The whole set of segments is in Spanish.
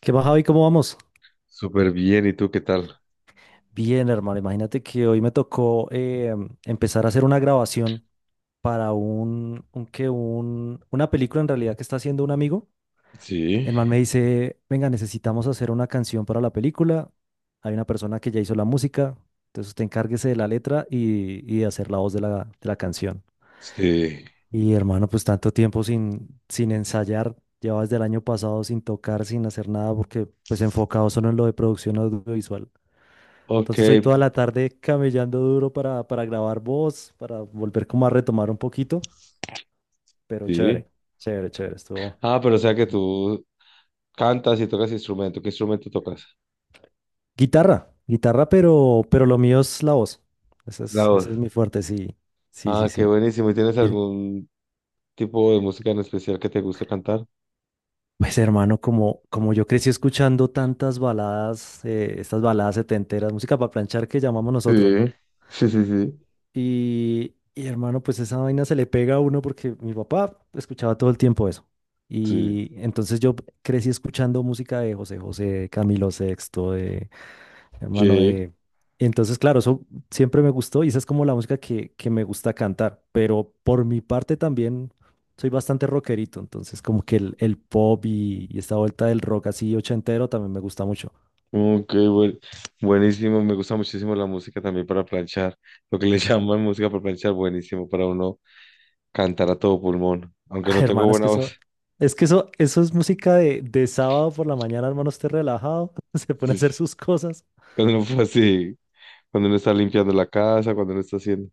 ¿Qué más, Javi? ¿Cómo vamos? Súper bien, ¿y tú qué tal? Bien, hermano. Imagínate que hoy me tocó empezar a hacer una grabación para una película en realidad que está haciendo un amigo. Sí, El man me dice, venga, necesitamos hacer una canción para la película. Hay una persona que ya hizo la música, entonces usted encárguese de la letra y de hacer la voz de de la canción. sí, Y hermano, pues tanto tiempo sin ensayar, llevaba desde el año pasado sin tocar, sin hacer nada, porque pues enfocado solo en lo de producción audiovisual. ok, Entonces hoy toda la tarde camellando duro para grabar voz, para volver como a retomar un poquito, pero sí. chévere, chévere, chévere, estuvo Ah, pero o sea que interesante. tú cantas y tocas instrumento. ¿Qué instrumento tocas? Guitarra, guitarra, pero lo mío es la voz. La voz. Ese es mi fuerte, sí, sí, sí, Ah, qué sí. buenísimo. ¿Y tienes Ir- algún tipo de música en especial que te guste cantar? Pues hermano, como yo crecí escuchando tantas baladas, estas baladas setenteras, música para planchar que llamamos Sí, nosotros, ¿no? sí, sí, sí. Hermano, pues esa vaina se le pega a uno porque mi papá escuchaba todo el tiempo eso. Sí. Y entonces yo crecí escuchando música de José José, de Camilo Sexto, de hermano ¿Qué? de... Entonces, claro, eso siempre me gustó y esa es como la música que me gusta cantar. Pero por mi parte también soy bastante rockerito. Entonces, como que el pop y esta vuelta del rock así ochentero también me gusta mucho. Ok, buen- Buenísimo. Me gusta muchísimo la música también para planchar. Lo que le llaman música para planchar, buenísimo para uno cantar a todo pulmón. Aunque no Ay, tengo hermano, buena voz. es que eso es música de sábado por la mañana, hermano, esté relajado, se pone a Sí. hacer sus cosas. Cuando no fue así. Cuando uno está limpiando la casa, cuando uno está haciendo.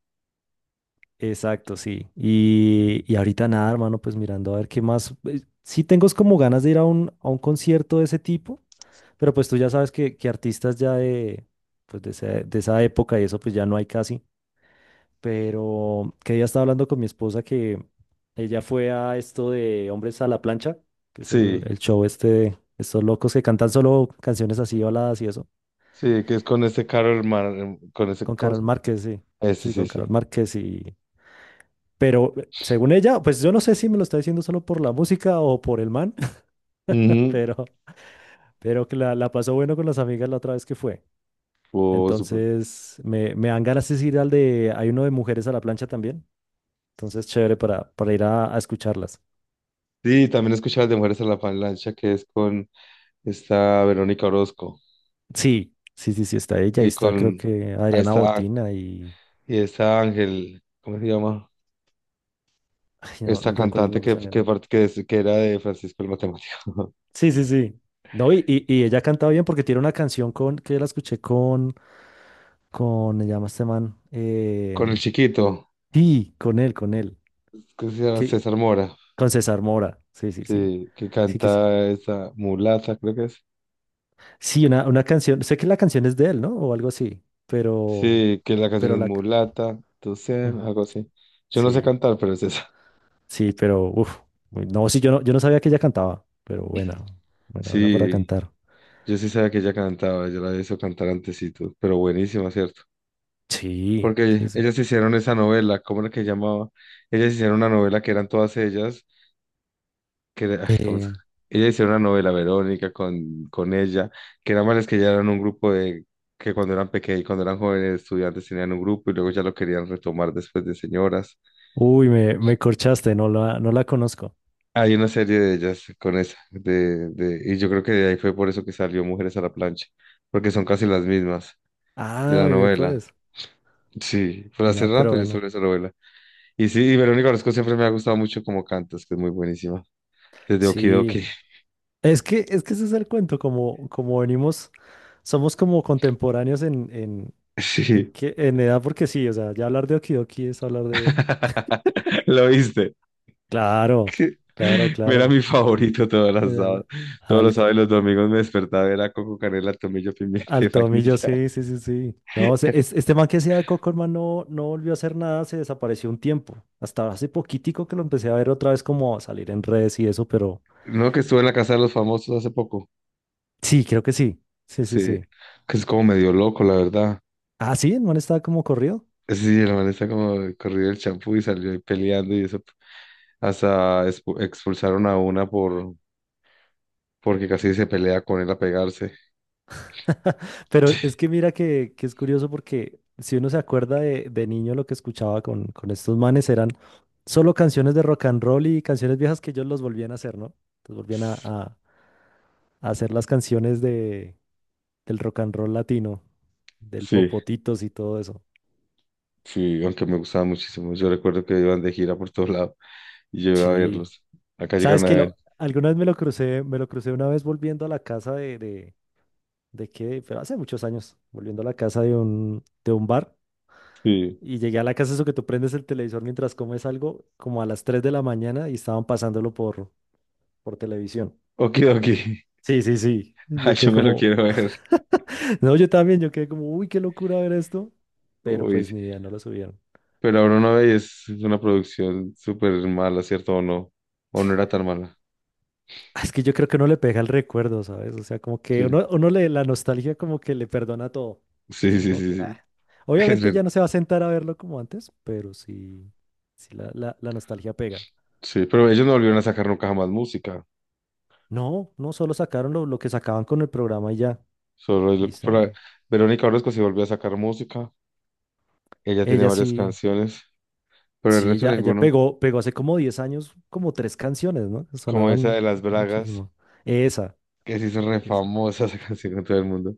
Exacto, sí. Y ahorita nada, hermano, pues mirando a ver qué más. Sí tengo es como ganas de ir a a un concierto de ese tipo, pero pues tú ya sabes que artistas ya de esa época y eso, pues ya no hay casi. Pero que ya estaba hablando con mi esposa que ella fue a esto de Hombres a la Plancha, que es Sí, el show este de estos locos que cantan solo canciones así, baladas y eso, sí, que es con este carro hermano, con ese, con ¿cómo Carol se llama? Márquez, sí, Este, sí, sí, con Carol sí. Márquez y... Pero según ella, pues yo no sé si me lo está diciendo solo por la música o por el man, Ujú. pero, pero que la pasó bueno con las amigas la otra vez que fue. Oh, súper. Entonces, me dan ganas de ir al de, hay uno de mujeres a la plancha también. Entonces, chévere para ir a escucharlas. Sí, también escuchaba las de Mujeres a la Avalancha, que es con esta Verónica Orozco Sí, sí, sí, sí, está ella. Ahí y está, creo con que ahí Adriana está, Botina y. y esta Ángel, ¿cómo se llama? Ay, no, Esta no recuerdo el cantante nombre de esa que, nena. part- que, es- que era de Francisco el Matemático, Sí, sí, sí. No, y ella cantaba bien porque tiene una canción con que la escuché con. Con. Se llama este man. Con el chiquito, Sí, con él, con él. que se llama Que, César Mora, con César Mora. Sí, sí, sí. sí, que Sí, que sí. canta esa mulata, creo que es. Sí, una canción. Sé que la canción es de él, ¿no? O algo así. Pero. Sí, que la canción Pero es la. Mulata, tú sé, Ujú. algo así. Yo no sé Sí, cantar, pero es esa. sí, pero. Uf. No, sí, yo no sabía que ella cantaba. Pero buena. Buena, buena para Sí, cantar. yo sí sabía que ella cantaba, yo la había visto cantar antesito, pero buenísima, ¿cierto? Sí, sí, Porque sí. ellas hicieron esa novela, ¿cómo era que llamaba? Ellas hicieron una novela que eran todas ellas, que era- ay, ¿cómo es? Eh, Ellas hicieron una novela, Verónica, con ella, que era más que ya eran un grupo de, que cuando eran pequeños, cuando eran jóvenes estudiantes tenían un grupo y luego ya lo querían retomar después de señoras. uy, me corchaste, no la conozco. Hay una serie de ellas con esa, y yo creo que de ahí fue por eso que salió Mujeres a la Plancha, porque son casi las mismas de la Ah, ya novela. pues. Sí, por hace No, pero rato yo bueno. sobre esa novela. Y sí, y Verónica Orozco siempre me ha gustado mucho como cantas, que es muy buenísima. Desde Sí. Okidoki. Es que ese es el cuento, como venimos, somos como contemporáneos Sí. En edad, porque sí, o sea, ya hablar de Okidoki es hablar de... Lo viste. Claro, claro, Era claro. mi favorito todos los Pues, sábados. Todos los al- sábados y los domingos me despertaba, era coco, canela, tomillo, pimienta y Al Tomillo, vainilla. sí, sí, sí, sí. No, este man que hacía de Cockerman no, no volvió a hacer nada, se desapareció un tiempo. Hasta hace poquitico que lo empecé a ver otra vez como salir en redes y eso, pero No, que estuve en la casa de los famosos hace poco. sí, creo que sí. Sí, sí, Sí, sí. que es como medio loco, la verdad. Ah, sí, el man estaba como corrido. Sí, el man está como corrido el champú y salió ahí peleando y eso. Hasta expulsaron a una porque casi se pelea con él a pegarse. Pero es que mira que es curioso porque si uno se acuerda de niño lo que escuchaba con estos manes eran solo canciones de rock and roll y canciones viejas que ellos los volvían a hacer, ¿no? Los volvían a hacer las canciones del rock and roll latino, del Sí, Popotitos y todo eso. sí, aunque me gustaba muchísimo. Yo recuerdo que iban de gira por todos lados y yo iba a Sí. verlos. Acá ¿Sabes llegaron a que ver. Alguna vez me lo crucé una vez volviendo a la casa de qué, pero hace muchos años, volviendo a la casa de un bar Sí. y llegué a la casa eso que tú prendes el televisor mientras comes algo, como a las 3 de la mañana y estaban pasándolo por televisión. Okidoki. Sí, sí, sí. Ay, Yo yo quedé me lo como, quiero ver. no, yo también, yo quedé como, uy, qué locura ver esto, pero Uy, pues sí. ni idea, no lo subieron. Pero ahora no veis, es una producción súper mala, ¿cierto? ¿O no? ¿O no era tan mala? Es que yo creo que uno le pega el recuerdo, ¿sabes? O sea, como que Sí. La nostalgia como que le perdona todo. Sí, Entonces, sí, como que, sí, sí. Es obviamente ver- ya no se va a sentar a verlo como antes, pero sí, sí la nostalgia pega. sí, pero ellos no volvieron a sacar nunca jamás música. No, no, solo sacaron lo que sacaban con el programa y ya. Solo es Y lo que- por está. ahí- Verónica Orozco sí volvió a sacar música. Ella tiene Ella varias sí, canciones, pero el sí, resto ella ninguno. pegó, pegó hace como 10 años como tres canciones, ¿no? Como esa Sonaban de Las Bragas, muchísimo. Esa. que se hizo re famosa esa canción con todo el mundo.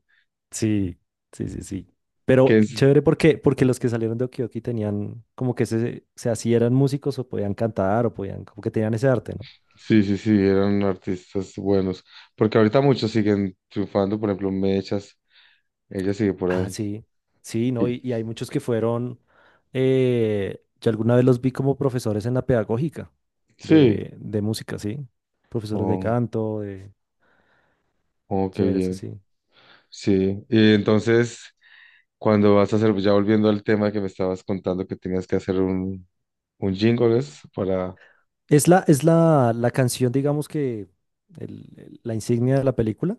Sí, sí, sí, sí. Que Pero es, chévere porque los que salieron de Okioki tenían como que se así eran músicos o podían cantar o podían, como que tenían ese arte, ¿no? sí, sí, sí, eran artistas buenos. Porque ahorita muchos siguen triunfando, por ejemplo, Mechas, ella sigue por Ah, ahí. sí, sí, ¿no? Y- Y hay muchos que fueron, yo alguna vez los vi como profesores en la pedagógica Sí, de música, ¿sí? Profesores de oh, canto, de... oh, qué Chévere, eso bien. sí. Sí, y entonces, cuando vas a hacer, ya volviendo al tema que me estabas contando que tenías que hacer un jingle es para... Es la canción, digamos que, la insignia de la película.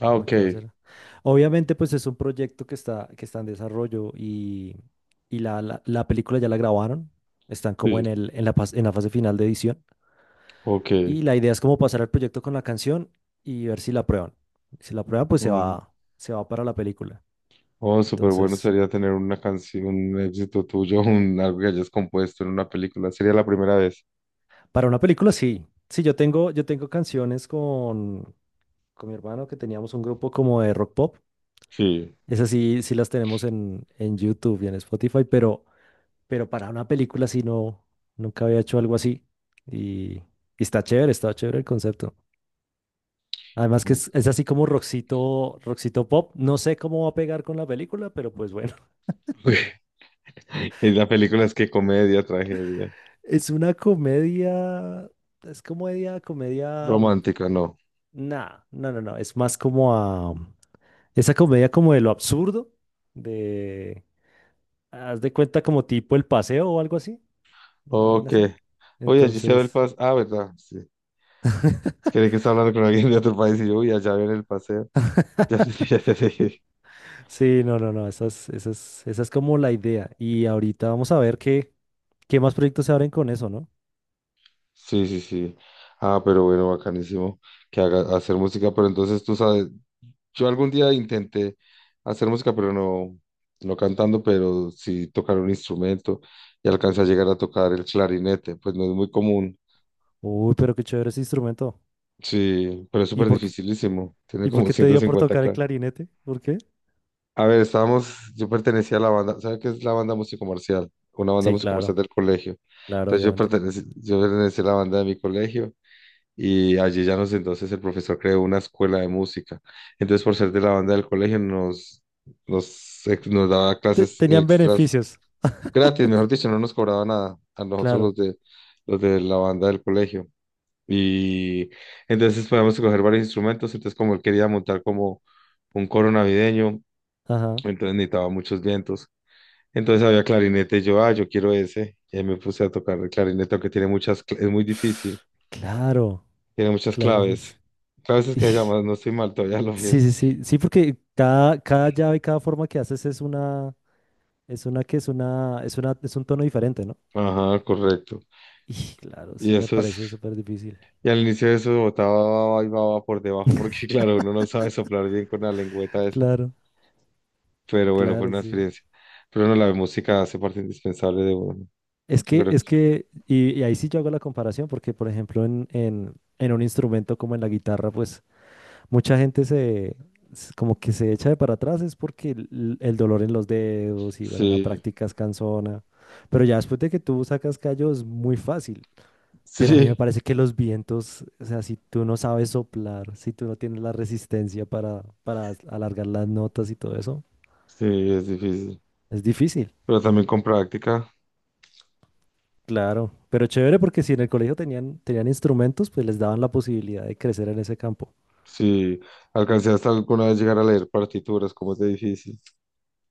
Ah, No, ok, ¿qué va a hacer? Obviamente, pues es un proyecto que está en desarrollo y la película ya la grabaron. Están como sí, en el, en la, pas- en la fase final de edición. ok. Y la idea es como pasar el proyecto con la canción y ver si la aprueban. Si la aprueban, pues Un- se va para la película. Oh, súper bueno Entonces, sería tener una canción, un éxito tuyo, un, algo que hayas compuesto en una película. Sería la primera vez. para una película sí. Sí, yo tengo canciones con mi hermano que teníamos un grupo como de rock pop. Sí. Esas sí, sí las tenemos en YouTube y en Spotify, pero para una película sí no, nunca había hecho algo así. Y está chévere el concepto. Además que Ok. es, así como rockcito, rockcito pop. No sé cómo va a pegar con la película, pero pues bueno. Y la película es que comedia, tragedia, Es una comedia, es comedia, comedia... romántica, no. Nah, no, no, no. Es más como a... Esa comedia como de lo absurdo, de... Haz de cuenta como tipo El Paseo o algo así. Una vaina Ok. así. Oye, allí se ve el Entonces... paseo. Ah, ¿verdad? Sí. Es que de que está hablando con alguien de otro país y yo, uy, allá ven el paseo. Ya te dije. Sí, no, no, no, esa es como la idea. Y ahorita vamos a ver qué más proyectos se abren con eso, ¿no? Sí, sí, sí. Ah, pero bueno, bacanísimo que haga hacer música, pero entonces tú sabes. Yo algún día intenté hacer música, pero no, no cantando, pero sí tocar un instrumento y alcancé a llegar a tocar el clarinete, pues no es muy común. Uy, pero qué chévere ese instrumento. Sí, pero es ¿Y súper por quédificilísimo. Tiene como te ciento dio por cincuenta tocar el claves. clarinete? ¿Por qué? A ver, estábamos, yo pertenecía a la banda, ¿sabes qué es la banda musicomercial? Una banda Sí, musicomercial claro, del colegio. claro, Entonces yo obviamente. pertenecía, yo pertenecía a la banda de mi colegio y allí ya nos entonces el profesor creó una escuela de música. Entonces, por ser de la banda del colegio, nos daba clases Tenían extras beneficios. gratis, mejor dicho, no nos cobraba nada a nosotros Claro, los de la banda del colegio. Y entonces podíamos coger varios instrumentos, entonces como él quería montar como un coro navideño, ajá. entonces necesitaba muchos vientos. Entonces había clarinete, y yo, ah, yo quiero ese, y ahí me puse a tocar el clarinete, aunque tiene muchas, es muy difícil. Claro, Tiene muchas claro, eso claves. es. Claves es Y- que se llama, no estoy mal, todavía lo Sí, vi. sí, sí, sí, porque cada llave, cada forma que haces es una, es un tono diferente, ¿no? Ajá, correcto. Y claro, Y eso me eso es, parece súper difícil. y al inicio de eso botaba y baba por debajo, porque claro, uno no sabe soplar bien con la lengüeta esa. Claro. Pero bueno, fue Claro, una sí. experiencia. Pero no, la música hace parte indispensable de uno. Es Yo que, creo. es que, y ahí sí yo hago la comparación, porque por ejemplo en un instrumento como en la guitarra, pues mucha gente como que se echa de para atrás, es porque el dolor en los dedos y bueno, la Sí, práctica es cansona. Pero ya después de que tú sacas callo es muy fácil. Pero a mí me sí, parece que los vientos, o sea, si tú no sabes soplar, si tú no tienes la resistencia para alargar las notas y todo eso, sí, es difícil. es difícil. Pero también con práctica, Claro, pero chévere porque si en el colegio tenían, tenían instrumentos, pues les daban la posibilidad de crecer en ese campo. sí. Alcancé hasta alguna vez llegar a leer partituras, como es de difícil.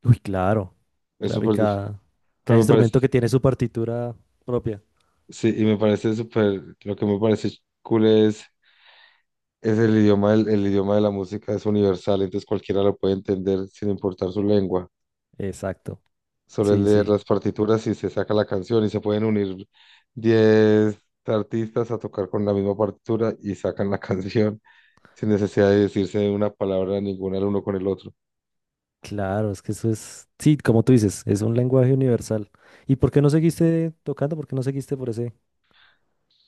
Uy, claro, Es claro, y súper difícil. Cada Pero me parece. instrumento que tiene su partitura propia. Sí, y me parece súper, lo que me parece cool es el idioma de la música es universal, entonces cualquiera lo puede entender sin importar su lengua. Exacto, Solo es sí, leer sí, las partituras y se saca la canción y se pueden unir 10 artistas a tocar con la misma partitura y sacan la canción sin necesidad de decirse una palabra ninguna el uno con el otro. claro, es que eso es, sí, como tú dices, es un lenguaje universal. ¿Y por qué no seguiste tocando? ¿Por qué no seguiste por ese,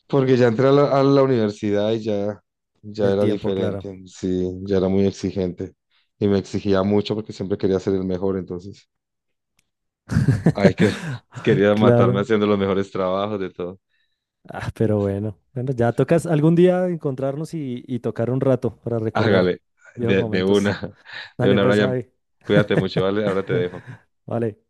Porque ya entré a la universidad y ya, ya el era tiempo, claro? diferente, sí, ya era muy exigente y me exigía mucho porque siempre quería ser el mejor, entonces. Ay, que quería matarme Claro. haciendo los mejores trabajos de todo. Ah, pero Entonces, bueno, bueno, ya sí. tocas algún día encontrarnos y tocar un rato para recordar Hágale, viejos de momentos. una, de Dale una, pues, Brian. Javi. Cuídate mucho, ¿vale? Ahora te dejo. Vale.